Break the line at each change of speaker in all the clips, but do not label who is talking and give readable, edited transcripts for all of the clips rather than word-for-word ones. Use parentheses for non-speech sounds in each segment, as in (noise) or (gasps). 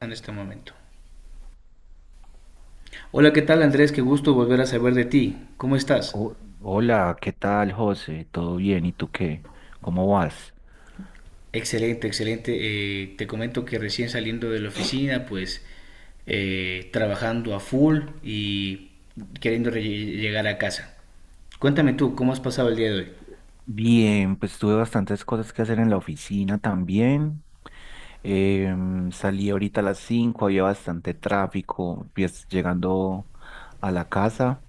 En este momento. Hola, ¿qué tal Andrés? Qué gusto volver a saber de ti. ¿Cómo estás?
Ho- hola, ¿qué tal, José? ¿Todo bien? ¿Y tú qué? ¿Cómo vas?
Excelente, excelente. Te comento que recién saliendo de la oficina, pues trabajando a full y queriendo llegar a casa. Cuéntame tú, ¿cómo has pasado el día de hoy?
Bien, pues tuve bastantes cosas que hacer en la oficina también. Salí ahorita a las 5, había bastante tráfico, pues, llegando a la casa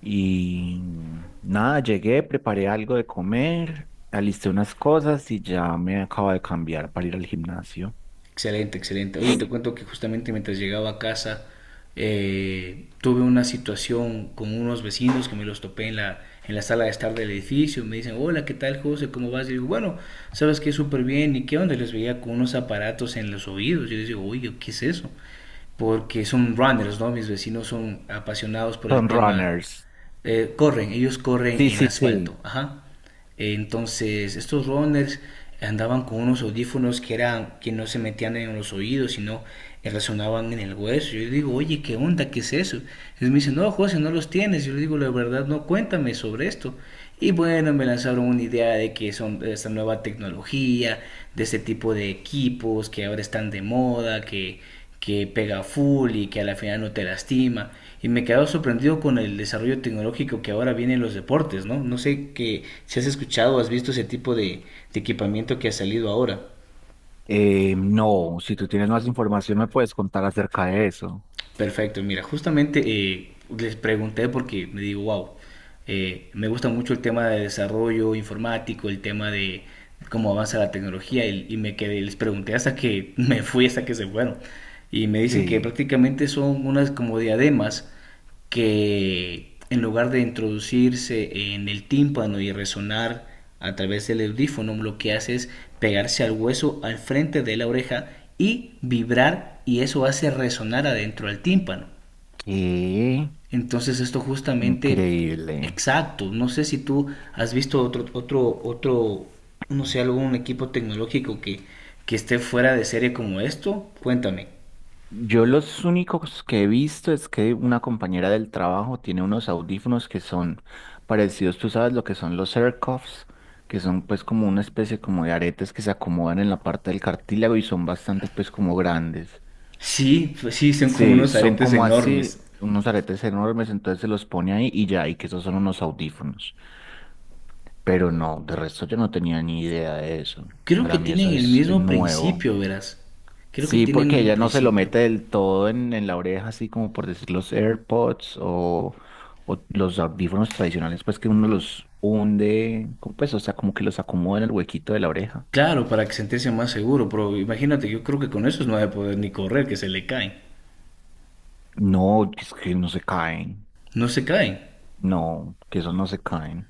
y nada, llegué, preparé algo de comer, alisté unas cosas y ya me acabo de cambiar para ir al gimnasio.
Excelente, excelente. Oye, te cuento que justamente mientras llegaba a casa tuve una situación con unos vecinos que me los topé en la sala de estar del edificio. Me dicen, hola, ¿qué tal, José? ¿Cómo vas? Y digo, bueno, sabes que súper bien. ¿Y qué onda? Les veía con unos aparatos en los oídos. Yo les digo, oye, ¿qué es eso? Porque son runners, ¿no? Mis vecinos son apasionados por el
Son
tema,
runners.
corren, ellos corren
Sí,
en
sí, sí.
asfalto, ajá. Entonces, estos runners andaban con unos audífonos que eran que no se metían en los oídos, sino resonaban en el hueso. Yo le digo, oye, ¿qué onda? ¿Qué es eso? Y me dice, no, José, no los tienes. Yo le digo, la verdad, no, cuéntame sobre esto. Y bueno, me lanzaron una idea de que son de esta nueva tecnología, de este tipo de equipos que ahora están de moda, que pega full y que a la final no te lastima. Y me he quedado sorprendido con el desarrollo tecnológico que ahora viene en los deportes, ¿no? No sé que, si has escuchado o has visto ese tipo de equipamiento que ha salido ahora.
No, si tú tienes más información me puedes contar acerca de eso.
Perfecto, mira, justamente les pregunté porque me digo, wow, me gusta mucho el tema de desarrollo informático, el tema de cómo avanza la tecnología y me quedé, les pregunté hasta que (laughs) me fui, hasta que se fueron. Y me dicen que
Sí.
prácticamente son unas como diademas que en lugar de introducirse en el tímpano y resonar a través del audífono, lo que hace es pegarse al hueso al frente de la oreja y vibrar y eso hace resonar adentro del tímpano.
Qué
Entonces esto justamente
increíble.
exacto, no sé si tú has visto otro no sé algún equipo tecnológico que esté fuera de serie como esto, cuéntame.
Yo los únicos que he visto es que una compañera del trabajo tiene unos audífonos que son parecidos, tú sabes lo que son los AirCuffs, que son pues como una especie como de aretes que se acomodan en la parte del cartílago y son bastante pues como grandes.
Sí, pues sí, son como
Sí,
unos
son
aretes
como así,
enormes.
unos aretes enormes, entonces se los pone ahí y ya, y que esos son unos audífonos. Pero no, de resto yo no tenía ni idea de eso.
Creo que
Para mí eso
tienen el
es
mismo
nuevo.
principio, verás. Creo que
Sí,
tienen
porque
un
ella no se lo
principio.
mete del todo en la oreja, así como por decir los AirPods o los audífonos tradicionales, pues que uno los hunde, como pues, o sea, como que los acomoda en el huequito de la oreja.
Claro, para que sentirse más seguro, pero imagínate, yo creo que con esos no va a poder ni correr, que se le caen.
No, es que no se caen.
No se caen.
No, que esos no se caen.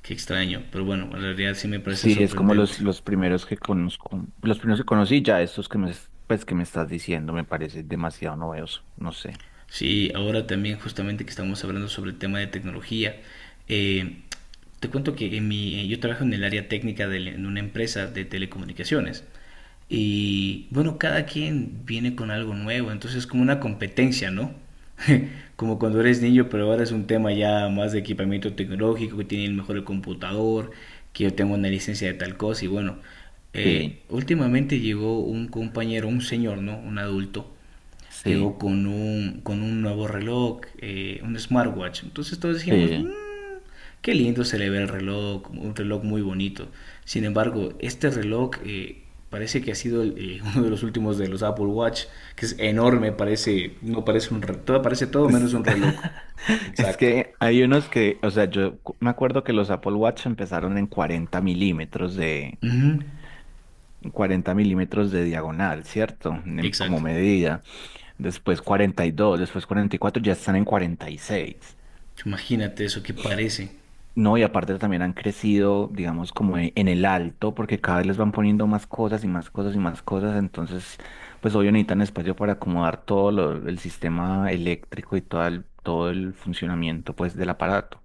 Qué extraño, pero bueno, en realidad sí me parece
Sí, es como
sorprendente.
los primeros que conozco, los primeros que conocí, ya estos que me, pues, que me estás diciendo, me parece demasiado novedoso, no sé.
Sí, ahora también justamente que estamos hablando sobre el tema de tecnología, eh, te cuento que en yo trabajo en el área técnica de, en una empresa de telecomunicaciones y bueno, cada quien viene con algo nuevo, entonces es como una competencia, ¿no? (laughs) Como cuando eres niño, pero ahora es un tema ya más de equipamiento tecnológico, que tiene el mejor computador, que yo tengo una licencia de tal cosa y bueno,
Sí,
últimamente llegó un compañero, un señor, ¿no? Un adulto.
sí,
Llegó con un nuevo reloj, un smartwatch. Entonces todos dijimos, "Mm,
sí.
qué lindo se le ve el reloj, un reloj muy bonito". Sin embargo, este reloj parece que ha sido (laughs) uno de los últimos de los Apple Watch, que es enorme, parece, no parece un reloj, parece todo menos
Es,
un
(laughs)
reloj.
es
Exacto.
que hay unos que, o sea, yo me acuerdo que los Apple Watch empezaron en
Ujú.
40 mm de diagonal, ¿cierto? Como
Exacto.
medida. Después 42, después 44, ya están en 46.
Imagínate eso qué parece.
No, y aparte también han crecido, digamos, como en el alto, porque cada vez les van poniendo más cosas y más cosas y más cosas. Entonces, pues obvio necesitan espacio para acomodar todo el sistema eléctrico y todo el funcionamiento, pues, del aparato.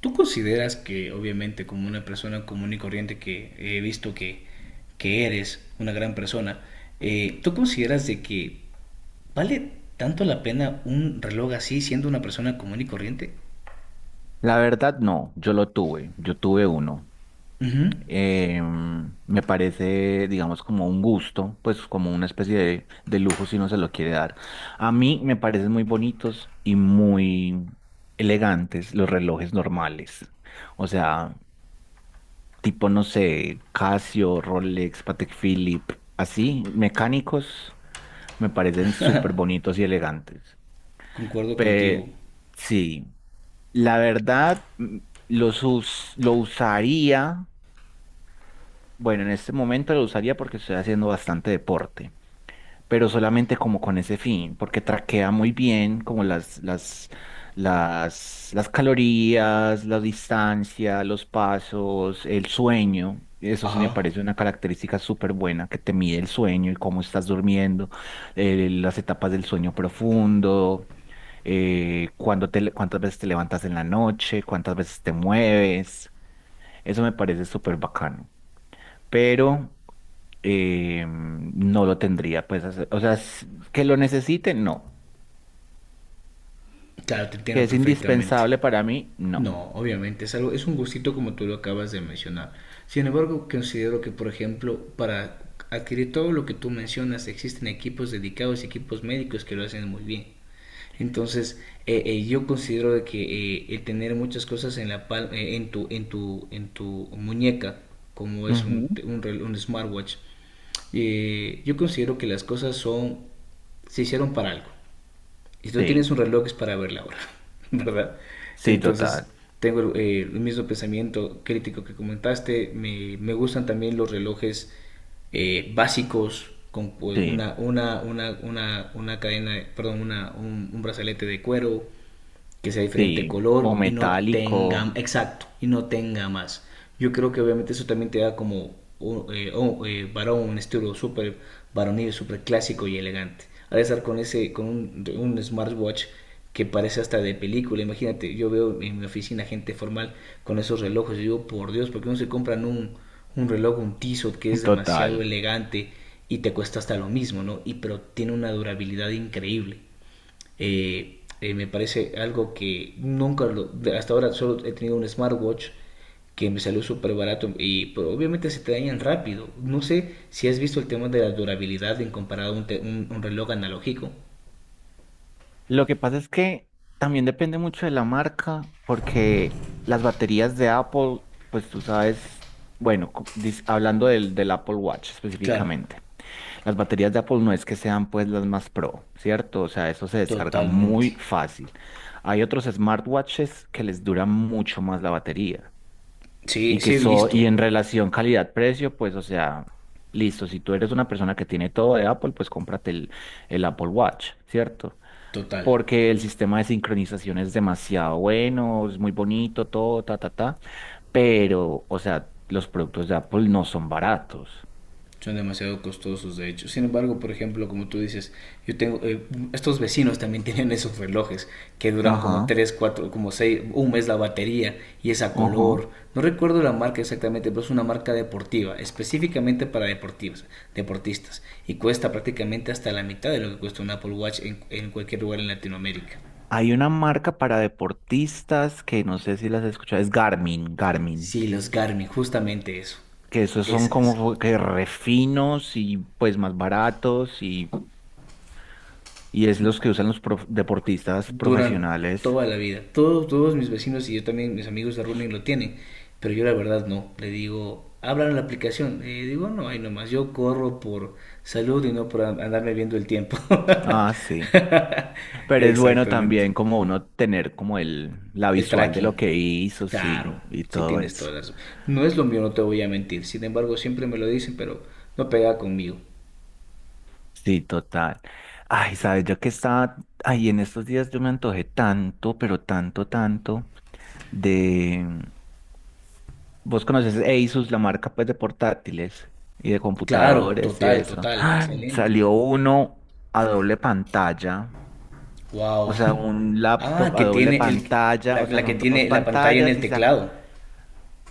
¿Tú consideras que, obviamente, como una persona común y corriente que he visto que eres una gran persona, ¿tú consideras de que vale tanto la pena un reloj así siendo una persona común y corriente?
La verdad, no, yo lo tuve, yo tuve uno.
Ujú.
Me parece, digamos, como un gusto, pues como una especie de lujo si no se lo quiere dar. A mí me parecen muy bonitos y muy elegantes los relojes normales. O sea, tipo, no sé, Casio, Rolex, Patek Philippe, así, mecánicos, me parecen súper bonitos y elegantes.
Concuerdo
Pe-
contigo.
sí. La verdad, lo usaría, bueno, en este momento lo usaría porque estoy haciendo bastante deporte, pero solamente como con ese fin, porque traquea muy bien como las calorías, la distancia, los pasos, el sueño. Eso sí me
Ajá.
parece una característica súper buena, que te mide el sueño y cómo estás durmiendo, las etapas del sueño profundo, cuándo cuántas veces te levantas en la noche, cuántas veces te mueves. Eso me parece súper bacano. Pero no lo tendría, pues, o sea, que lo necesite, no.
Claro, te
Que
entiendo
es
perfectamente.
indispensable para mí, no.
No, obviamente, es algo, es un gustito como tú lo acabas de mencionar. Sin embargo, considero que, por ejemplo, para adquirir todo lo que tú mencionas, existen equipos dedicados, equipos médicos que lo hacen muy bien. Entonces, yo considero de que el tener muchas cosas en la en en tu muñeca, como es
Ujú.
un smartwatch, yo considero que las cosas son, se hicieron para algo. Y si tú tienes
Sí,
un reloj es para ver la hora, (laughs) ¿verdad?
sí,
Entonces,
total.
tengo el mismo pensamiento crítico que comentaste. Me gustan también los relojes básicos con
Sí,
una cadena, perdón, un brazalete de cuero que sea diferente
sí, o
color y no tenga,
metálico,
exacto, y no tenga más. Yo creo que obviamente eso también te da como varón, un estilo súper varonil, súper clásico y elegante. Al estar con, ese, con un smartwatch que parece hasta de película, imagínate, yo veo en mi oficina gente formal con esos relojes y digo, por Dios, ¿por qué no se compran un reloj, un Tissot que es
(laughs)
demasiado
total.
elegante y te cuesta hasta lo mismo, ¿no? Y pero tiene una durabilidad increíble. Me parece algo que nunca, hasta ahora solo he tenido un smartwatch que me salió súper barato y pero obviamente se te dañan rápido. No sé si has visto el tema de la durabilidad en comparado a un reloj analógico.
Lo que pasa es que también depende mucho de la marca, porque las baterías de Apple, pues tú sabes, bueno, hablando del, del Apple Watch
Claro,
específicamente. Las baterías de Apple no es que sean pues las más pro, ¿cierto? O sea, eso se descarga
totalmente.
muy fácil. Hay otros smartwatches que les dura mucho más la batería y
Sí, sí
que
he
son,
visto,
y en relación calidad-precio, pues, o sea, listo, si tú eres una persona que tiene todo de Apple, pues cómprate el Apple Watch, ¿cierto?
total.
Porque el sistema de sincronización es demasiado bueno, es muy bonito, todo, ta, ta, ta, pero, o sea, los productos de Apple no son baratos.
Son demasiado costosos de hecho. Sin embargo, por ejemplo, como tú dices, yo tengo estos vecinos también (laughs) tienen esos relojes que duran como
Ajá,
3, 4, como seis un mes la batería y es a
ajá.
color. No recuerdo la marca exactamente, pero es una marca deportiva, específicamente para deportivos, deportistas y cuesta prácticamente hasta la mitad de lo que cuesta un Apple Watch en cualquier lugar en Latinoamérica.
Hay una marca para deportistas que no sé si las has escuchado, es Garmin, Garmin,
Sí, los Garmin, justamente eso.
que esos son
Ese es.
como que refinos y pues más baratos y es los que usan los deportistas
Duran
profesionales.
toda la vida. Todos mis vecinos y yo también, mis amigos de Running lo tienen, pero yo la verdad no. Le digo, abran la aplicación. Digo, no, hay nomás, yo corro por salud y no por andarme viendo el tiempo.
Ah, sí.
(laughs)
Pero es bueno
Exactamente.
también como uno tener como el, la
El
visual de lo
tracking,
que hizo,
claro,
sí, y
sí
todo
tienes
eso.
todas las... No es lo mío, no te voy a mentir. Sin embargo, siempre me lo dicen, pero no pega conmigo.
Sí, total. Ay, sabes, yo que estaba, ay, en estos días yo me antojé tanto, pero tanto, tanto. Vos conoces Asus, la marca pues de portátiles y de
Claro,
computadores y
total,
eso. (gasps)
total,
¡Ay!
excelentes.
Salió uno a doble pantalla, o
Wow. (laughs)
sea, un
Ah,
laptop
que
a doble
tiene
pantalla, o sea,
la que
son dos
tiene la pantalla en
pantallas
el
y
teclado.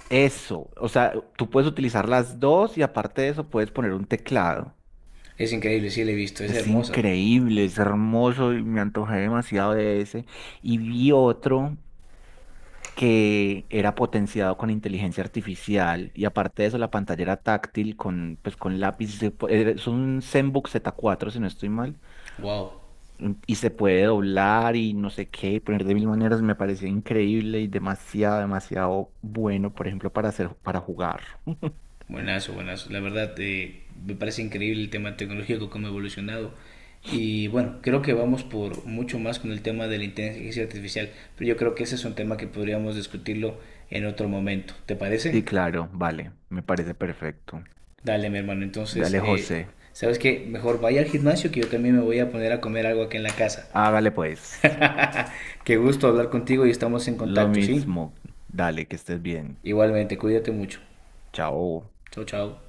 eso, o sea, tú puedes utilizar las dos y aparte de eso puedes poner un teclado.
Es increíble, sí la he visto, es
Es
hermosa.
increíble, es hermoso y me antojé demasiado de ese. Y vi otro que era potenciado con inteligencia artificial y aparte de eso la pantalla era táctil con, pues, con lápiz, es un ZenBook Z4 si no estoy mal.
Wow.
Y se puede doblar y no sé qué, poner de mil maneras, me parecía increíble y demasiado, demasiado bueno, por ejemplo, para hacer, para jugar.
Buenazo, buenazo. La verdad, me parece increíble el tema tecnológico, cómo ha evolucionado. Y bueno, creo que vamos por mucho más con el tema de la inteligencia artificial, pero yo creo que ese es un tema que podríamos discutirlo en otro momento. ¿Te parece?
Sí, claro, vale, me parece perfecto.
Dale, mi hermano. Entonces,
Dale, José,
¿sabes qué? Mejor vaya al gimnasio que yo también me voy a poner a comer algo aquí en la casa.
hágale pues,
(laughs) Qué gusto hablar contigo y estamos en
lo
contacto, ¿sí?
mismo, dale, que estés bien,
Igualmente, cuídate mucho.
chao.
Chao, chao.